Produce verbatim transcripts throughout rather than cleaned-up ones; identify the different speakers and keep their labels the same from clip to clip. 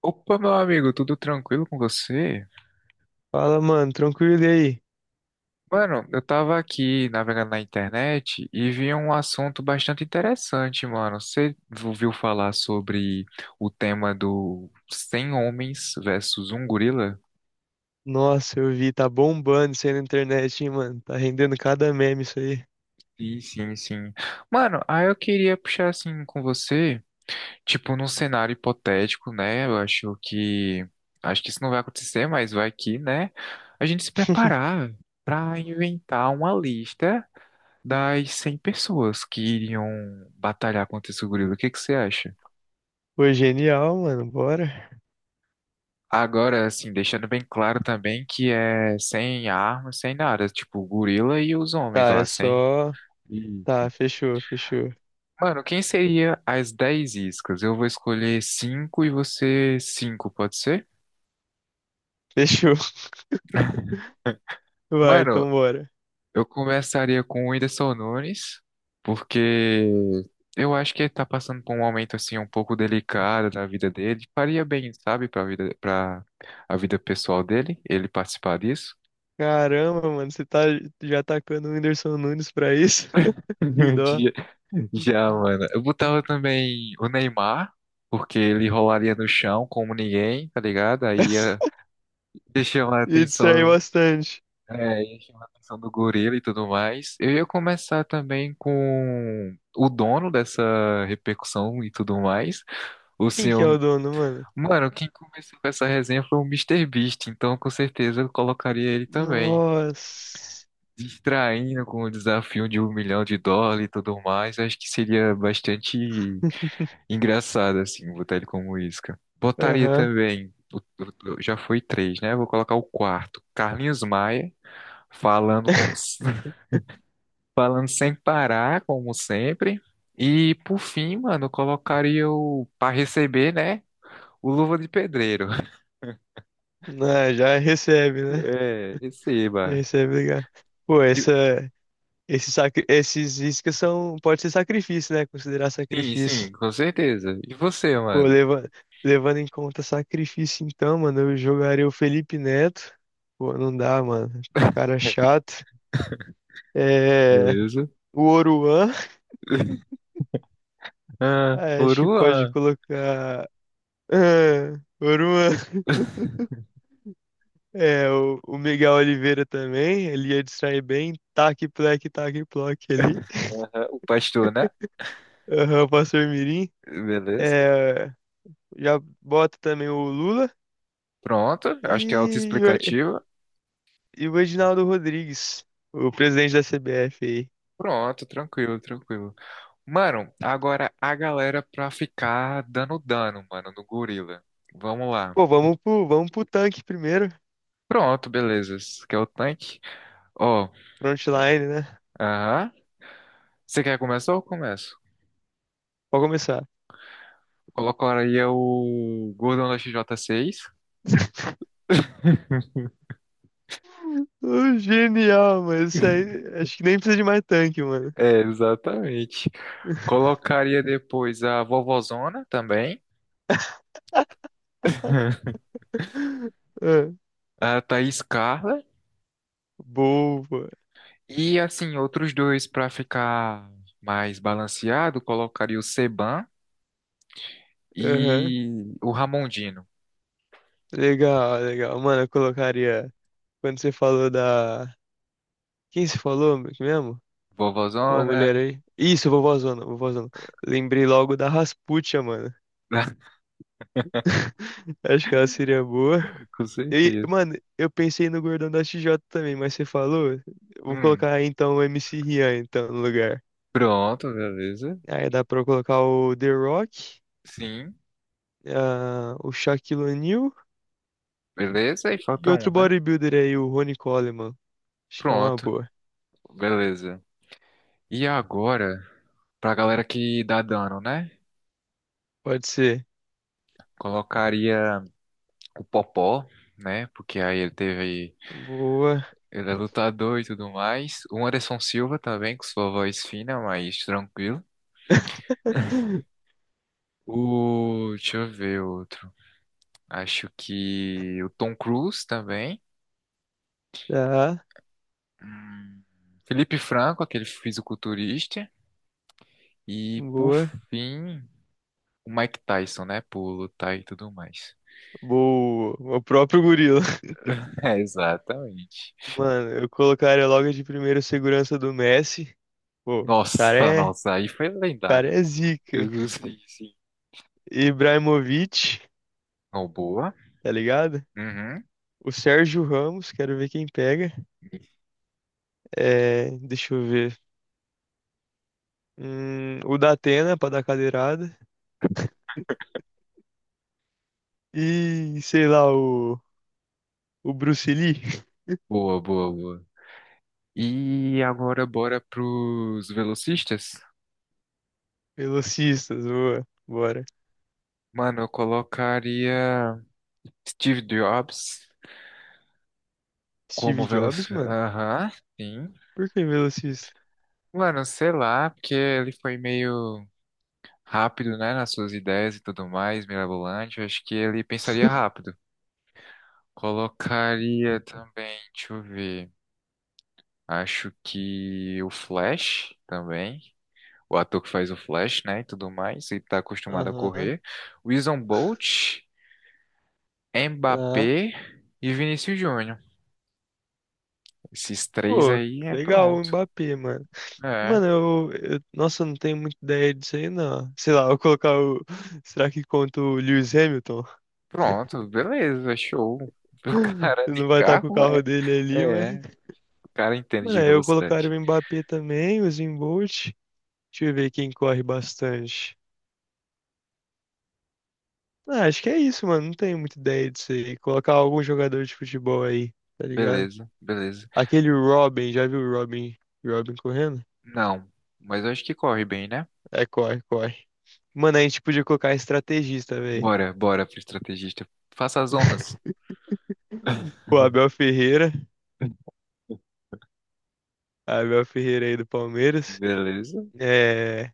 Speaker 1: Opa, meu amigo, tudo tranquilo com você?
Speaker 2: Fala, mano, tranquilo e aí?
Speaker 1: Mano, eu tava aqui navegando na internet e vi um assunto bastante interessante, mano. Você ouviu falar sobre o tema do cem homens versus um gorila?
Speaker 2: Nossa, eu vi, tá bombando isso aí na internet, hein, mano? Tá rendendo cada meme isso aí.
Speaker 1: Sim, sim, sim. Mano, aí eu queria puxar assim com você, tipo, num cenário hipotético, né? Eu acho que. Acho que isso não vai acontecer, mas vai que, né? A gente se preparar. Pra inventar uma lista das cem pessoas que iriam batalhar contra esse gorila. O que que você acha?
Speaker 2: Pô, genial, mano, bora.
Speaker 1: Agora, assim, deixando bem claro também que é sem armas, sem nada. Tipo, o gorila e os homens
Speaker 2: Tá, é
Speaker 1: lá, sem.
Speaker 2: só.
Speaker 1: Isso.
Speaker 2: Tá, fechou, fechou.
Speaker 1: Mano, quem seria as dez iscas? Eu vou escolher cinco e você cinco, pode ser?
Speaker 2: Fechou. Vai,
Speaker 1: Mano,
Speaker 2: então bora.
Speaker 1: eu começaria com o Whindersson Nunes, porque eu acho que ele tá passando por um momento assim um pouco delicado na vida dele. Faria bem, sabe, para vida, para a vida pessoal dele, ele participar disso.
Speaker 2: Caramba, mano, você tá já atacando o Whindersson Nunes pra isso? Que dó.
Speaker 1: De- Já, mano. Eu botava também o Neymar, porque ele rolaria no chão como ninguém, tá ligado? Aí ia ia chamar a
Speaker 2: E distraiu
Speaker 1: atenção.
Speaker 2: bastante.
Speaker 1: É, e chama a atenção do gorila e tudo mais. Eu ia começar também com o dono dessa repercussão e tudo mais. O
Speaker 2: Quem que é o
Speaker 1: senhor.
Speaker 2: dono, mano?
Speaker 1: Mano, quem começou com essa resenha foi o Mister Beast, então com certeza eu colocaria ele também.
Speaker 2: Nossa.
Speaker 1: Distraindo com o desafio de um milhão de dólares e tudo mais. Acho que seria bastante engraçado, assim, botar ele como isca. Botaria
Speaker 2: Aham.
Speaker 1: também. o- o- Já foi três, né? Vou colocar o quarto. Carlinhos Maia falando com falando sem parar, como sempre. E por fim, mano, eu colocaria o para receber, né? O Luva de Pedreiro.
Speaker 2: Ah, já recebe, né?
Speaker 1: É, receba.
Speaker 2: Isso é obrigado. Pô,
Speaker 1: E-
Speaker 2: essa, esse sacri, esses iscas são, pode ser sacrifício, né? Considerar
Speaker 1: Sim,
Speaker 2: sacrifício.
Speaker 1: sim, com certeza. E você,
Speaker 2: Pô,
Speaker 1: mano?
Speaker 2: leva, levando em conta sacrifício, então, mano, eu jogaria o Felipe Neto. Pô, não dá, mano. Cara chato. É,
Speaker 1: Beleza?
Speaker 2: o Oruan.
Speaker 1: Ah,
Speaker 2: Ah, acho que pode
Speaker 1: Oruan.
Speaker 2: colocar. Ah, Oruan. É, o, o Miguel Oliveira também. Ele ia distrair bem. Tac, plec, tac, ploc ali.
Speaker 1: Aham, o pastor, né?
Speaker 2: Aham, o pastor Mirim.
Speaker 1: Beleza.
Speaker 2: É, já bota também o Lula
Speaker 1: Pronto, acho que é
Speaker 2: e,
Speaker 1: autoexplicativo.
Speaker 2: e o Reginaldo Rodrigues, o presidente da C B F aí.
Speaker 1: Pronto, tranquilo, tranquilo. Mano, agora a galera pra ficar dando dano, mano, no gorila. Vamos lá.
Speaker 2: Pô, vamos pro, vamos pro tanque primeiro.
Speaker 1: Pronto, beleza. Esse aqui é o tanque. Ó,
Speaker 2: Frontline, né?
Speaker 1: aham. Você quer começar ou eu começo?
Speaker 2: Pode começar.
Speaker 1: Colocaria o Gordon da X J seis.
Speaker 2: Ô, genial, mano. Isso aí, acho que nem precisa de mais tanque, mano.
Speaker 1: É, exatamente. Colocaria depois a Vovozona também,
Speaker 2: Ah,
Speaker 1: a Thaís Carla.
Speaker 2: boa.
Speaker 1: E assim, outros dois para ficar mais balanceado, colocaria o Seban
Speaker 2: Aham.
Speaker 1: e o Ramondino.
Speaker 2: Legal, legal. Mano, eu colocaria. Quando você falou da. Quem se falou mesmo? Uma
Speaker 1: Vovozona,
Speaker 2: mulher aí. Isso, vovózona, vovózona. Lembrei logo da Rasputia, mano. Acho que ela seria boa.
Speaker 1: com
Speaker 2: E,
Speaker 1: certeza.
Speaker 2: mano, eu pensei no Gordão da X J também, mas você falou. Eu Vou
Speaker 1: Hum,
Speaker 2: colocar então o M C Rian então, no lugar.
Speaker 1: pronto, beleza.
Speaker 2: Aí dá pra eu colocar o The Rock,
Speaker 1: Sim,
Speaker 2: ah, o Shaquille O'Neal
Speaker 1: beleza. E
Speaker 2: e
Speaker 1: falta
Speaker 2: outro
Speaker 1: um, né?
Speaker 2: bodybuilder aí, o Ronnie Coleman. Acho que é uma
Speaker 1: Pronto,
Speaker 2: boa.
Speaker 1: beleza. E agora? Pra galera que dá dano, né?
Speaker 2: Pode ser.
Speaker 1: Colocaria o Popó, né? Porque aí ele teve.
Speaker 2: Boa.
Speaker 1: Ele é lutador e tudo mais. O Anderson Silva também, com sua voz fina, mas tranquilo. O. Deixa eu ver outro. Acho que o Tom Cruise também.
Speaker 2: Tá,
Speaker 1: Hum, Felipe Franco, aquele fisiculturista. E por
Speaker 2: boa.
Speaker 1: fim, o Mike Tyson, né? Por lutar e tudo mais.
Speaker 2: Boa. O próprio gorila.
Speaker 1: É, exatamente.
Speaker 2: Mano, eu colocaria logo de primeiro segurança do Messi. Pô, o cara
Speaker 1: Nossa,
Speaker 2: é, o
Speaker 1: nossa, aí foi
Speaker 2: cara
Speaker 1: lendário.
Speaker 2: é
Speaker 1: Eu
Speaker 2: zica.
Speaker 1: gostei.
Speaker 2: Ibrahimovic,
Speaker 1: Oh, boa.
Speaker 2: tá ligado?
Speaker 1: Uhum.
Speaker 2: O Sérgio Ramos, quero ver quem pega. É, deixa eu ver. Hum, o Datena pra dar cadeirada. E sei lá, o, o Bruce Lee.
Speaker 1: Boa, boa, boa. E agora bora pros velocistas?
Speaker 2: Velocistas, boa. Bora.
Speaker 1: Mano, eu colocaria Steve Jobs como
Speaker 2: Steve Jobs,
Speaker 1: velocista.
Speaker 2: mano?
Speaker 1: Aham, sim.
Speaker 2: Por que velocista?
Speaker 1: Mano, sei lá, porque ele foi meio rápido, né, nas suas ideias e tudo mais, mirabolante. Eu acho que ele pensaria rápido. Colocaria também, deixa eu ver. Acho que o Flash também. O ator que faz o Flash, né, e tudo mais, e tá acostumado a
Speaker 2: Aham,
Speaker 1: correr. O Usain Bolt,
Speaker 2: tá.
Speaker 1: Mbappé e Vinícius Júnior. Esses três
Speaker 2: Pô,
Speaker 1: aí é
Speaker 2: legal o
Speaker 1: pronto.
Speaker 2: Mbappé, mano.
Speaker 1: É,
Speaker 2: Mano, eu, eu- nossa, eu não tenho muita ideia disso aí, não. Sei lá, eu vou colocar o. Será que conta o Lewis Hamilton?
Speaker 1: pronto, beleza, show. O cara de
Speaker 2: Não vai estar com o
Speaker 1: carro
Speaker 2: carro
Speaker 1: é,
Speaker 2: dele ali, mas.
Speaker 1: é, o cara entende
Speaker 2: Mano,
Speaker 1: de
Speaker 2: aí eu colocaria
Speaker 1: velocidade.
Speaker 2: o Mbappé também, o Usain Bolt. Deixa eu ver quem corre bastante. Ah, acho que é isso, mano. Não tenho muita ideia disso aí. Colocar algum jogador de futebol aí, tá ligado?
Speaker 1: Beleza, beleza.
Speaker 2: Aquele Robin, já viu o Robin? Robin correndo?
Speaker 1: Não, mas eu acho que corre bem, né?
Speaker 2: É, corre, corre. Mano, a gente podia colocar estrategista, velho.
Speaker 1: Bora, bora pro estrategista. Faça as honras.
Speaker 2: O Abel Ferreira, Abel Ferreira aí do Palmeiras,
Speaker 1: Beleza,
Speaker 2: é,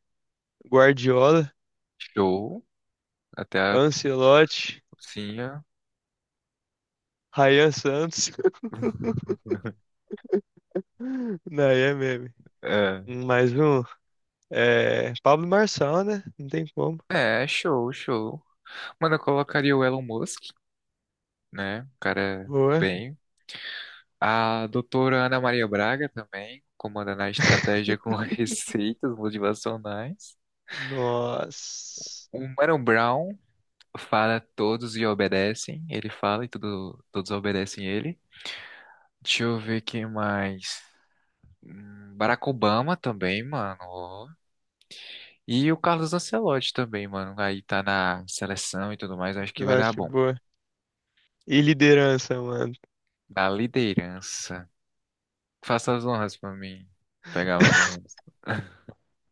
Speaker 2: Guardiola,
Speaker 1: show. Até a
Speaker 2: Ancelotti,
Speaker 1: cozinha.
Speaker 2: Rayan Santos. Não, aí é meme. Mais um. É, Pablo Marçal, né? Não tem como.
Speaker 1: É, show, show. Mano, eu colocaria o Elon Musk, né? O cara
Speaker 2: Boa.
Speaker 1: bem. A doutora Ana Maria Braga também, comandando a estratégia com receitas motivacionais.
Speaker 2: Nossa.
Speaker 1: O Mano Brown fala todos e obedecem. Ele fala e tudo, todos obedecem ele. Deixa eu ver quem mais. Hum, Barack Obama também, mano, ó. E o Carlos Ancelotti também, mano. Aí tá na seleção e tudo mais. Acho que
Speaker 2: Eu
Speaker 1: vai dar
Speaker 2: acho
Speaker 1: bom.
Speaker 2: boa. E liderança, mano.
Speaker 1: Da liderança. Faça as honras pra mim pegar mais ou menos.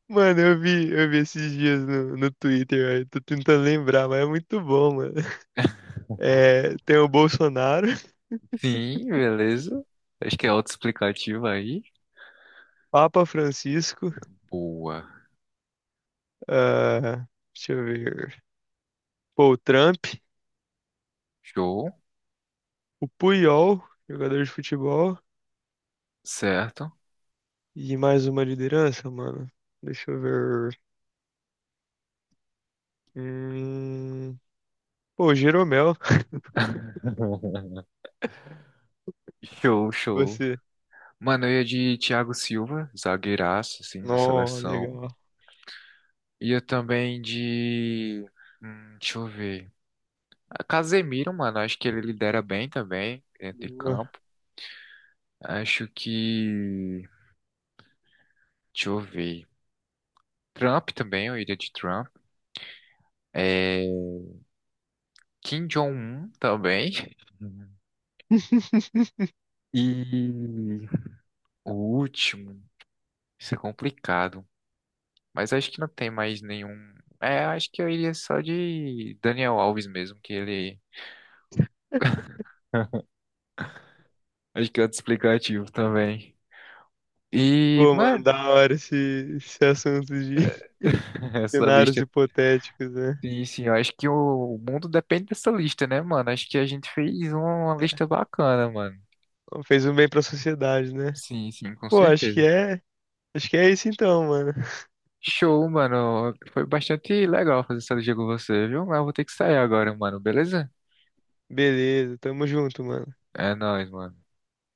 Speaker 2: Mano, eu vi, eu vi esses dias no, no Twitter, velho. Tô tentando lembrar, mas é muito bom, mano. É, tem o Bolsonaro,
Speaker 1: Sim, beleza. Acho que é autoexplicativo aí.
Speaker 2: Papa Francisco,
Speaker 1: Boa.
Speaker 2: ah, deixa eu ver, pô, o Trump,
Speaker 1: Show.
Speaker 2: o Puyol, jogador de futebol,
Speaker 1: Certo.
Speaker 2: e mais uma liderança, mano. Deixa eu ver. Hum... Pô, Jeromel,
Speaker 1: Show, show.
Speaker 2: você.
Speaker 1: Mano, eu ia de Thiago Silva, zagueiraço, assim, da
Speaker 2: Nó,
Speaker 1: seleção.
Speaker 2: legal.
Speaker 1: Ia também de. Hum, deixa eu ver. Ah, Casemiro, mano, acho que ele lidera bem também, dentro de
Speaker 2: Boa.
Speaker 1: campo. Acho que. Deixa eu ver. Trump também, eu iria de Trump. É, Kim Jong-un também. E o último, isso é complicado. Mas acho que não tem mais nenhum. É, acho que eu iria só de Daniel Alves mesmo, que ele. Acho que é outro explicativo também. E,
Speaker 2: Pô, mano,
Speaker 1: mano,
Speaker 2: da hora esse, esse assunto de
Speaker 1: essa
Speaker 2: cenários
Speaker 1: lista.
Speaker 2: hipotéticos, né?
Speaker 1: Sim, sim, eu acho que o mundo depende dessa lista, né, mano? Acho que a gente fez uma lista bacana, mano.
Speaker 2: Fez um bem pra sociedade, né?
Speaker 1: Sim, sim, com
Speaker 2: Pô, acho que
Speaker 1: certeza.
Speaker 2: é. Acho que é isso então, mano.
Speaker 1: Show, mano. Foi bastante legal fazer essa liga com você, viu? Mas eu vou ter que sair agora, mano. Beleza?
Speaker 2: Beleza, tamo junto, mano.
Speaker 1: É nóis, mano.